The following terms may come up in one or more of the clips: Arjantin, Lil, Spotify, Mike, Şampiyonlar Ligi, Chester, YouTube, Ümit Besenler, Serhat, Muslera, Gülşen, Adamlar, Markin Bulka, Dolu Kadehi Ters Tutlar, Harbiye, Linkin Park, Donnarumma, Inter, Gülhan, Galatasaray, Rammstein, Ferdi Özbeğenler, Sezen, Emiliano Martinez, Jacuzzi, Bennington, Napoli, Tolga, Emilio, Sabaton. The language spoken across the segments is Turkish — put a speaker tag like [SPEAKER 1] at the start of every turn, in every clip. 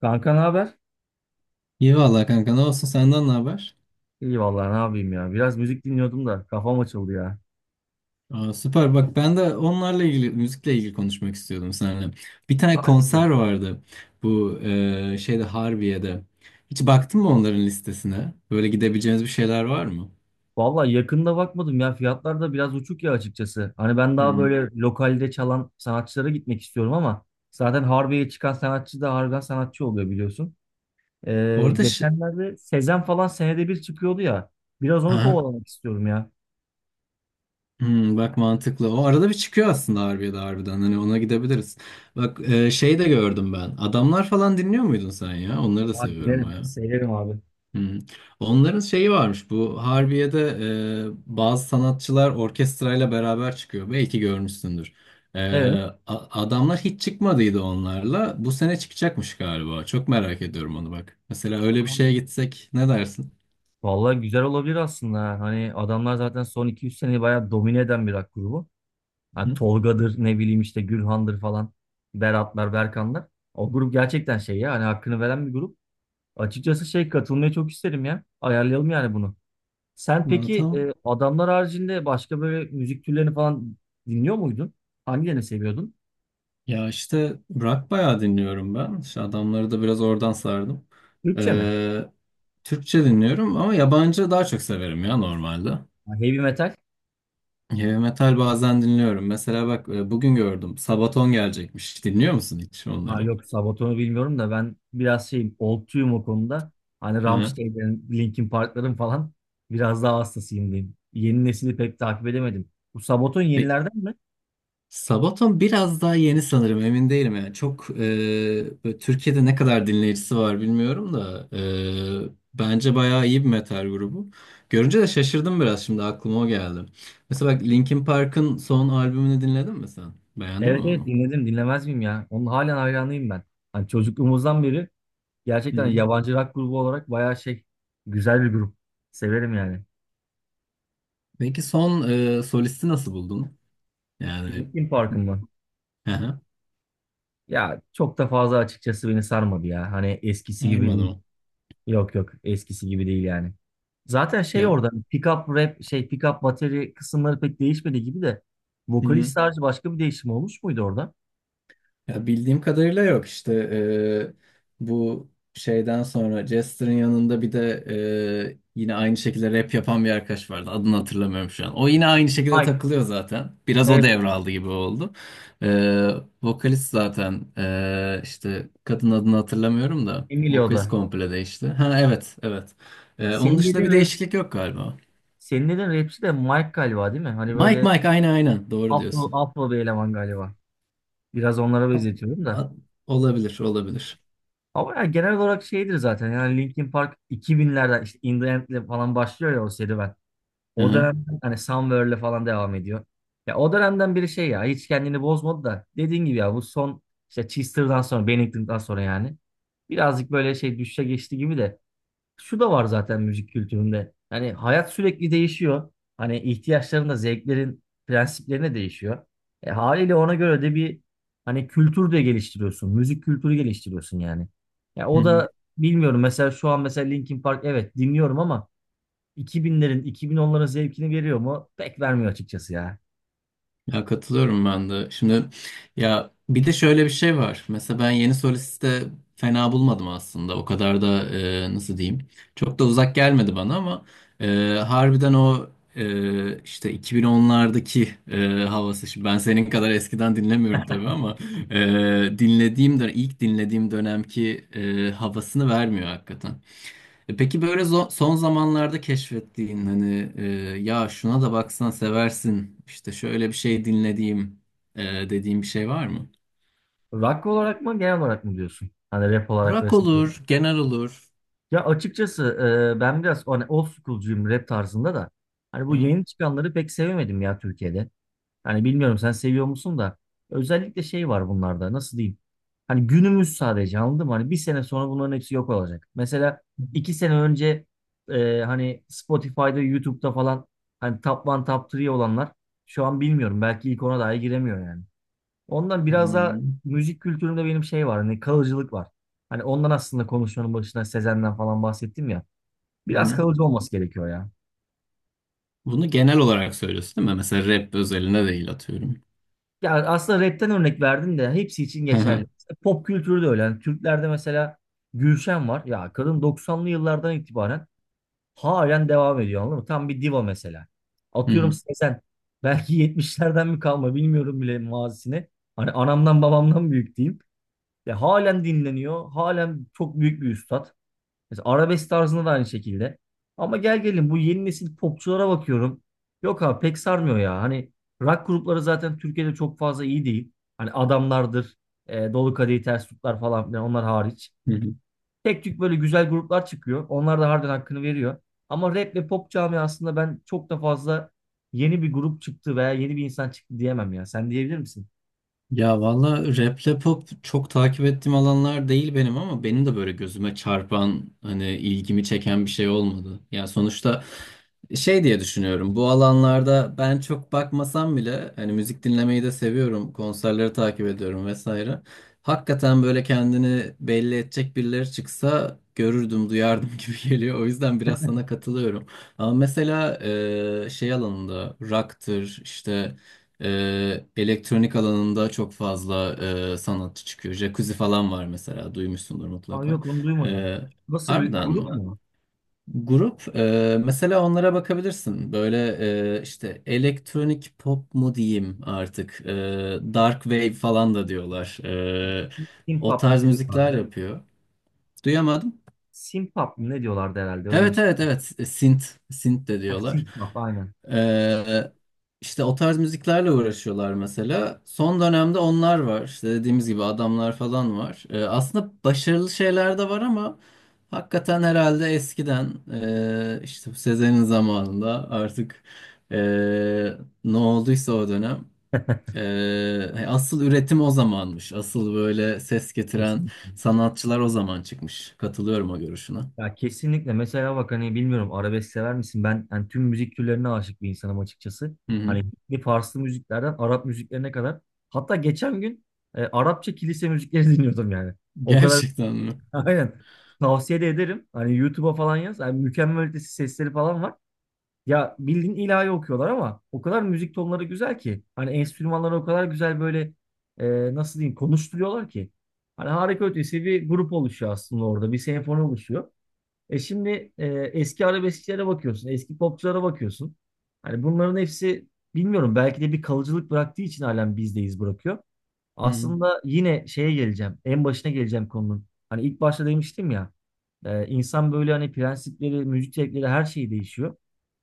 [SPEAKER 1] Kanka ne haber?
[SPEAKER 2] İyi valla kanka ne olsun senden ne haber?
[SPEAKER 1] İyi vallahi ne yapayım ya. Biraz müzik dinliyordum da kafam açıldı ya.
[SPEAKER 2] Süper bak ben de onlarla ilgili müzikle ilgili konuşmak istiyordum seninle. Bir tane
[SPEAKER 1] Ha, ne güzel.
[SPEAKER 2] konser vardı bu Harbiye'de. Hiç baktın mı onların listesine? Böyle gidebileceğiniz bir şeyler var mı?
[SPEAKER 1] Vallahi yakında bakmadım ya. Fiyatlar da biraz uçuk ya açıkçası. Hani ben daha
[SPEAKER 2] Hmm.
[SPEAKER 1] böyle lokalde çalan sanatçılara gitmek istiyorum ama zaten Harbiye'ye çıkan sanatçı da harbiden sanatçı oluyor biliyorsun.
[SPEAKER 2] Orada ş-
[SPEAKER 1] Geçenlerde Sezen falan senede bir çıkıyordu ya. Biraz onu
[SPEAKER 2] Aha.
[SPEAKER 1] kovalamak istiyorum ya.
[SPEAKER 2] Hmm, bak mantıklı. O arada bir çıkıyor aslında Harbiye'de harbiden. Hani ona gidebiliriz. Bak şey de gördüm ben. Adamlar falan dinliyor muydun sen ya? Onları da
[SPEAKER 1] Abi
[SPEAKER 2] seviyorum.
[SPEAKER 1] dinlerim, severim abi.
[SPEAKER 2] Hı hı. Onların şeyi varmış bu Harbiye'de, bazı sanatçılar orkestrayla beraber çıkıyor. Belki görmüşsündür. E,
[SPEAKER 1] Evet.
[SPEAKER 2] adamlar hiç çıkmadıydı onlarla. Bu sene çıkacakmış galiba. Çok merak ediyorum onu bak. Mesela öyle bir şeye
[SPEAKER 1] Abi,
[SPEAKER 2] gitsek ne dersin?
[SPEAKER 1] vallahi güzel olabilir aslında. Ha. Hani adamlar zaten son iki üç seneyi bayağı domine eden bir rock grubu. Hani
[SPEAKER 2] Hı?
[SPEAKER 1] Tolga'dır ne bileyim işte Gülhan'dır falan. Beratlar, Berkanlar. O grup gerçekten şey ya hani hakkını veren bir grup. Açıkçası şey katılmayı çok isterim ya. Ayarlayalım yani bunu. Sen
[SPEAKER 2] Bana
[SPEAKER 1] peki
[SPEAKER 2] tam
[SPEAKER 1] adamlar haricinde başka böyle müzik türlerini falan dinliyor muydun? Hangilerini seviyordun?
[SPEAKER 2] ya işte rock bayağı dinliyorum ben. İşte adamları da biraz oradan sardım.
[SPEAKER 1] Türkçe mi?
[SPEAKER 2] E, Türkçe dinliyorum ama yabancı daha çok severim ya normalde.
[SPEAKER 1] Ha, heavy metal?
[SPEAKER 2] Heavy metal bazen dinliyorum. Mesela bak bugün gördüm. Sabaton gelecekmiş. Dinliyor musun hiç
[SPEAKER 1] Ha
[SPEAKER 2] onları?
[SPEAKER 1] yok Sabaton'u bilmiyorum da ben biraz şeyim oldtuyum o konuda. Hani
[SPEAKER 2] Hı.
[SPEAKER 1] Rammstein'lerin, Linkin Park'ların falan biraz daha hastasıyım diyeyim. Yeni nesili pek takip edemedim. Bu Sabaton
[SPEAKER 2] Ve
[SPEAKER 1] yenilerden mi?
[SPEAKER 2] Sabaton biraz daha yeni sanırım. Emin değilim yani. Böyle Türkiye'de ne kadar dinleyicisi var bilmiyorum da bence bayağı iyi bir metal grubu. Görünce de şaşırdım biraz, şimdi aklıma o geldi. Mesela bak Linkin Park'ın son albümünü dinledin mi sen? Beğendin mi
[SPEAKER 1] Evet evet
[SPEAKER 2] onu?
[SPEAKER 1] dinledim dinlemez miyim ya? Onun halen hayranıyım ben. Hani çocukluğumuzdan beri
[SPEAKER 2] Hı
[SPEAKER 1] gerçekten
[SPEAKER 2] hı.
[SPEAKER 1] yabancı rock grubu olarak bayağı şey güzel bir grup. Severim yani.
[SPEAKER 2] Peki son solisti nasıl buldun? Yani
[SPEAKER 1] Linkin Park'ın mı?
[SPEAKER 2] hı hı.
[SPEAKER 1] Ya çok da fazla açıkçası beni sarmadı ya. Hani eskisi gibi
[SPEAKER 2] Sarmadı
[SPEAKER 1] değil.
[SPEAKER 2] mı?
[SPEAKER 1] Yok yok eskisi gibi değil yani. Zaten şey
[SPEAKER 2] Ya.
[SPEAKER 1] orada pick up rap şey pick up bateri kısımları pek değişmedi gibi de vokalist
[SPEAKER 2] Hı.
[SPEAKER 1] sadece başka bir değişim olmuş muydu orada?
[SPEAKER 2] Ya bildiğim kadarıyla yok işte, bu şeyden sonra Jester'ın yanında bir de yine aynı şekilde rap yapan bir arkadaş vardı. Adını hatırlamıyorum şu an. O yine aynı şekilde
[SPEAKER 1] Mike.
[SPEAKER 2] takılıyor zaten. Biraz o
[SPEAKER 1] Evet,
[SPEAKER 2] devraldı gibi oldu. Eee, vokalist zaten işte kadın adını hatırlamıyorum da vokalist
[SPEAKER 1] Emilio'da.
[SPEAKER 2] komple değişti. Ha evet evet. Onun
[SPEAKER 1] Senin
[SPEAKER 2] dışında bir
[SPEAKER 1] dediğin rap,
[SPEAKER 2] değişiklik yok galiba.
[SPEAKER 1] senin dediğin rapçi de Mike galiba değil mi? Hani
[SPEAKER 2] Mike
[SPEAKER 1] böyle
[SPEAKER 2] Mike aynen aynen doğru
[SPEAKER 1] Afro,
[SPEAKER 2] diyorsun.
[SPEAKER 1] Afro bir eleman galiba. Biraz onlara
[SPEAKER 2] At-
[SPEAKER 1] benzetiyorum da.
[SPEAKER 2] at- olabilir olabilir.
[SPEAKER 1] Ama ya genel olarak şeydir zaten. Yani Linkin Park 2000'lerden işte In The End'le falan başlıyor ya o serüven.
[SPEAKER 2] Hı
[SPEAKER 1] O
[SPEAKER 2] hı.
[SPEAKER 1] dönemden hani Somewhere'le falan devam ediyor. Ya o dönemden biri şey ya hiç kendini bozmadı da dediğin gibi ya bu son işte Chester'dan sonra Bennington'dan sonra yani birazcık böyle şey düşüşe geçti gibi de şu da var zaten müzik kültüründe. Hani hayat sürekli değişiyor. Hani ihtiyaçların da zevklerin prensiplerine değişiyor. Haliyle ona göre de bir hani kültür de geliştiriyorsun. Müzik kültürü geliştiriyorsun yani. Ya
[SPEAKER 2] Hı
[SPEAKER 1] o
[SPEAKER 2] hı.
[SPEAKER 1] da bilmiyorum mesela şu an mesela Linkin Park evet dinliyorum ama 2000'lerin 2010'ların zevkini veriyor mu? Pek vermiyor açıkçası ya.
[SPEAKER 2] Ya katılıyorum ben de. Şimdi ya bir de şöyle bir şey var. Mesela ben yeni solisti de fena bulmadım aslında. O kadar da nasıl diyeyim? Çok da uzak gelmedi bana ama e, harbiden o, işte 2010'lardaki havası. Şimdi ben senin kadar eskiden dinlemiyorum tabii ama e, ilk dinlediğim dönemki havasını vermiyor hakikaten. Peki böyle son zamanlarda keşfettiğin hani, ya şuna da baksan seversin işte, şöyle bir şey dinlediğim e, dediğim bir şey var mı?
[SPEAKER 1] Rock olarak mı genel olarak mı diyorsun? Hani rap olarak
[SPEAKER 2] Rock
[SPEAKER 1] vs.
[SPEAKER 2] olur, genel olur.
[SPEAKER 1] Ya açıkçası ben biraz hani old school'cuyum rap tarzında da. Hani bu
[SPEAKER 2] Ya.
[SPEAKER 1] yeni çıkanları pek sevemedim ya Türkiye'de. Hani bilmiyorum sen seviyor musun da. Özellikle şey var bunlarda nasıl diyeyim. Hani günümüz sadece anladın mı? Hani bir sene sonra bunların hepsi yok olacak. Mesela iki sene önce hani Spotify'da, YouTube'da falan hani top 1, top 3 olanlar şu an bilmiyorum. Belki ilk ona dahi giremiyor yani. Ondan biraz daha
[SPEAKER 2] Hmm.
[SPEAKER 1] müzik kültüründe benim şey var. Hani kalıcılık var. Hani ondan aslında konuşmanın başına Sezen'den falan bahsettim ya.
[SPEAKER 2] Hı
[SPEAKER 1] Biraz
[SPEAKER 2] hı.
[SPEAKER 1] kalıcı olması gerekiyor ya.
[SPEAKER 2] Bunu genel olarak söylüyorsun değil mi? Mesela rap özelinde değil atıyorum.
[SPEAKER 1] Ya aslında rapten örnek verdin de hepsi için
[SPEAKER 2] Hı
[SPEAKER 1] geçerli.
[SPEAKER 2] hı.
[SPEAKER 1] İşte pop kültürü de öyle. Yani Türklerde mesela Gülşen var. Ya kadın 90'lı yıllardan itibaren halen devam ediyor anladın mı? Tam bir diva mesela. Atıyorum
[SPEAKER 2] Hı
[SPEAKER 1] Sezen. Belki 70'lerden mi kalma bilmiyorum bile mazisini. Hani anamdan babamdan büyük diyeyim. Ya halen dinleniyor. Halen çok büyük bir üstad. Mesela arabesk tarzında da aynı şekilde. Ama gel gelin bu yeni nesil popçulara bakıyorum. Yok abi pek sarmıyor ya. Hani rock grupları zaten Türkiye'de çok fazla iyi değil. Hani Adamlardır, Dolu Kadehi Ters Tutlar falan filan onlar hariç.
[SPEAKER 2] hı.
[SPEAKER 1] Tek tük böyle güzel gruplar çıkıyor. Onlar da harbiden hakkını veriyor. Ama rap ve pop camiasında ben çok da fazla yeni bir grup çıktı veya yeni bir insan çıktı diyemem ya. Sen diyebilir misin?
[SPEAKER 2] Ya valla raple pop çok takip ettiğim alanlar değil benim, ama benim de böyle gözüme çarpan hani ilgimi çeken bir şey olmadı. Ya sonuçta şey diye düşünüyorum, bu alanlarda ben çok bakmasam bile hani müzik dinlemeyi de seviyorum, konserleri takip ediyorum vesaire. Hakikaten böyle kendini belli edecek birileri çıksa görürdüm duyardım gibi geliyor, o yüzden biraz sana katılıyorum. Ama mesela şey alanında rock'tır işte, elektronik alanında çok fazla sanatçı çıkıyor. Jacuzzi falan var mesela, duymuşsundur
[SPEAKER 1] Aa,
[SPEAKER 2] mutlaka.
[SPEAKER 1] yok onu duymadım.
[SPEAKER 2] Ee,
[SPEAKER 1] Nasıl bir
[SPEAKER 2] harbiden
[SPEAKER 1] grup
[SPEAKER 2] mi?
[SPEAKER 1] mu?
[SPEAKER 2] Grup, mesela onlara bakabilirsin. Böyle işte elektronik pop mu diyeyim artık. Dark wave falan da diyorlar. O
[SPEAKER 1] Simpap mı
[SPEAKER 2] tarz
[SPEAKER 1] ne diyorlar
[SPEAKER 2] müzikler
[SPEAKER 1] değil mi?
[SPEAKER 2] yapıyor. Duyamadım.
[SPEAKER 1] Simpap mı ne diyorlardı herhalde öyle bir
[SPEAKER 2] Evet
[SPEAKER 1] şey.
[SPEAKER 2] evet evet. Synth, synth, de
[SPEAKER 1] Ha,
[SPEAKER 2] diyorlar.
[SPEAKER 1] synth pop aynen.
[SPEAKER 2] Ee, işte o tarz müziklerle uğraşıyorlar mesela. Son dönemde onlar var. İşte dediğimiz gibi adamlar falan var. Aslında başarılı şeyler de var ama hakikaten herhalde eskiden işte bu Sezen'in zamanında artık, ee, ne olduysa o dönem asıl üretim o zamanmış. Asıl böyle ses getiren
[SPEAKER 1] Kesinlikle.
[SPEAKER 2] sanatçılar o zaman çıkmış. Katılıyorum o görüşüne.
[SPEAKER 1] Ya kesinlikle. Mesela bak hani bilmiyorum arabesk sever misin? Ben hani tüm müzik türlerine aşık bir insanım açıkçası.
[SPEAKER 2] Hı
[SPEAKER 1] Hani
[SPEAKER 2] hı.
[SPEAKER 1] bir Farslı müziklerden Arap müziklerine kadar. Hatta geçen gün Arapça kilise müzikleri dinliyordum yani. O kadar
[SPEAKER 2] Gerçekten mi?
[SPEAKER 1] aynen. Tavsiye de ederim. Hani YouTube'a falan yaz. Yani mükemmel ötesi sesleri falan var. Ya bildiğin ilahi okuyorlar ama o kadar müzik tonları güzel ki. Hani enstrümanları o kadar güzel böyle nasıl diyeyim konuşturuyorlar ki. Hani harika ötesi bir grup oluşuyor aslında orada. Bir senfoni oluşuyor. Şimdi eski arabeskçilere bakıyorsun. Eski popçulara bakıyorsun. Hani bunların hepsi bilmiyorum belki de bir kalıcılık bıraktığı için halen bizdeyiz bırakıyor.
[SPEAKER 2] Hı.
[SPEAKER 1] Aslında yine şeye geleceğim. En başına geleceğim konunun. Hani ilk başta demiştim ya. İnsan böyle hani prensipleri, müzik zevkleri her şey değişiyor.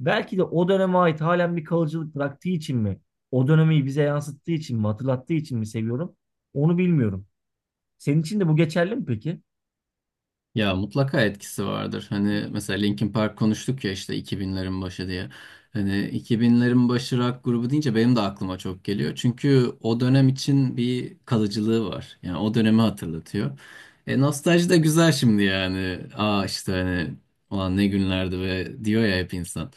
[SPEAKER 1] Belki de o döneme ait halen bir kalıcılık bıraktığı için mi, o dönemi bize yansıttığı için mi, hatırlattığı için mi seviyorum, onu bilmiyorum. Senin için de bu geçerli mi peki?
[SPEAKER 2] Ya mutlaka etkisi vardır. Hani mesela Linkin Park konuştuk ya, işte 2000'lerin başı diye. Hani 2000'lerin başı rock grubu deyince benim de aklıma çok geliyor. Çünkü o dönem için bir kalıcılığı var. Yani o dönemi hatırlatıyor. Nostalji de güzel şimdi yani. Aa işte hani ulan ne günlerdi ve diyor ya hep insan.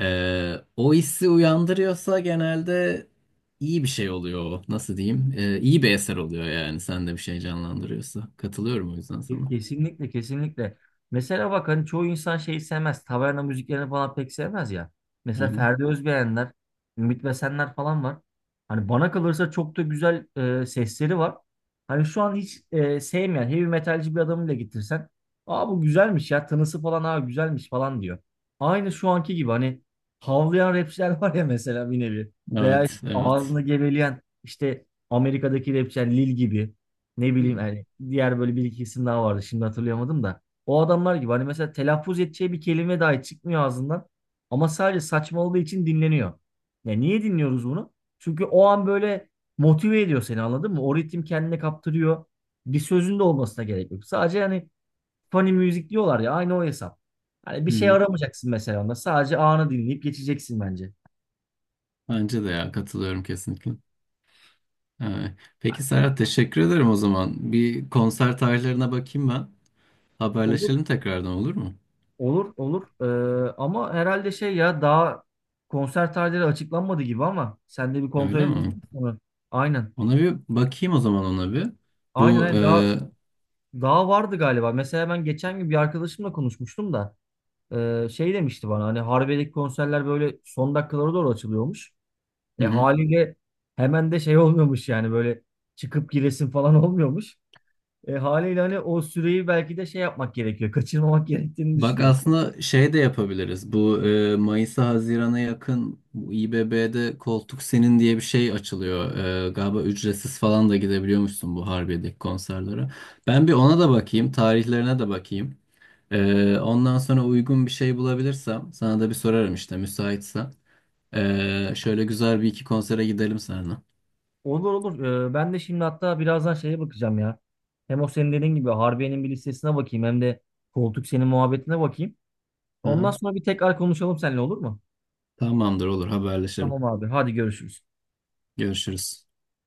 [SPEAKER 2] O hissi uyandırıyorsa genelde iyi bir şey oluyor o. Nasıl diyeyim? İyi bir eser oluyor yani. Sen de bir şey canlandırıyorsa. Katılıyorum o yüzden sana.
[SPEAKER 1] Kesinlikle kesinlikle. Mesela bak hani çoğu insan şeyi sevmez. Taverna müziklerini falan pek sevmez ya. Mesela Ferdi Özbeğenler, Ümit Besenler falan var. Hani bana kalırsa çok da güzel sesleri var. Hani şu an hiç sevmeyen heavy metalci bir adamı bile getirsen. Aa bu güzelmiş ya tınısı falan aa güzelmiş falan diyor. Aynı şu anki gibi hani havlayan rapçiler var ya mesela bir nevi. Veya
[SPEAKER 2] Evet,
[SPEAKER 1] işte
[SPEAKER 2] evet.
[SPEAKER 1] ağzını geveleyen işte Amerika'daki rapçiler Lil gibi. Ne bileyim
[SPEAKER 2] Yani,
[SPEAKER 1] yani diğer böyle bir iki isim daha vardı. Şimdi hatırlayamadım da. O adamlar gibi hani mesela telaffuz edeceği bir kelime dahi çıkmıyor ağzından. Ama sadece saçmaladığı için dinleniyor. Ya niye dinliyoruz bunu? Çünkü o an böyle motive ediyor seni anladın mı? O ritim kendine kaptırıyor. Bir sözün de olmasına gerek yok. Sadece hani funny müzik diyorlar ya aynı o hesap. Hani bir şey
[SPEAKER 2] hı,
[SPEAKER 1] aramayacaksın mesela onda. Sadece anı dinleyip geçeceksin bence.
[SPEAKER 2] bence de ya katılıyorum kesinlikle. Ee, peki
[SPEAKER 1] Yani,
[SPEAKER 2] Serhat, teşekkür ederim o zaman. Bir konser tarihlerine bakayım ben.
[SPEAKER 1] olur.
[SPEAKER 2] Haberleşelim tekrardan, olur mu?
[SPEAKER 1] Olur olur. Ama herhalde şey ya daha konser tarihleri açıklanmadı gibi ama sen de bir kontrol
[SPEAKER 2] Öyle mi?
[SPEAKER 1] edebildin mi sonra? Aynen
[SPEAKER 2] Ona bir bakayım o zaman, ona bir.
[SPEAKER 1] aynen
[SPEAKER 2] Bu e,
[SPEAKER 1] aynen. Daha
[SPEAKER 2] hı
[SPEAKER 1] daha vardı galiba. Mesela ben geçen gün bir arkadaşımla konuşmuştum da şey demişti bana hani Harbiye'deki konserler böyle son dakikalara doğru açılıyormuş.
[SPEAKER 2] hı.
[SPEAKER 1] Haliyle hemen de şey olmuyormuş yani böyle çıkıp giresin falan olmuyormuş. Haliyle hani o süreyi belki de şey yapmak gerekiyor kaçırmamak gerektiğini
[SPEAKER 2] Bak,
[SPEAKER 1] düşünüyorum.
[SPEAKER 2] aslında şey de yapabiliriz. Bu Mayıs'a Haziran'a yakın bu İBB'de koltuk senin diye bir şey açılıyor. Galiba ücretsiz falan da gidebiliyormuşsun bu Harbiye'deki konserlere. Ben bir ona da bakayım, tarihlerine de bakayım. Ondan sonra uygun bir şey bulabilirsem sana da bir sorarım işte, müsaitsen. Şöyle güzel bir iki konsere gidelim seninle.
[SPEAKER 1] Olur olur. Ben de şimdi hatta birazdan şeye bakacağım ya. Hem o senin dediğin gibi Harbiye'nin bir listesine bakayım hem de koltuk senin muhabbetine bakayım. Ondan
[SPEAKER 2] Aha,
[SPEAKER 1] sonra bir tekrar konuşalım seninle olur mu?
[SPEAKER 2] tamamdır olur, haberleşelim.
[SPEAKER 1] Tamam abi. Hadi görüşürüz.
[SPEAKER 2] Görüşürüz.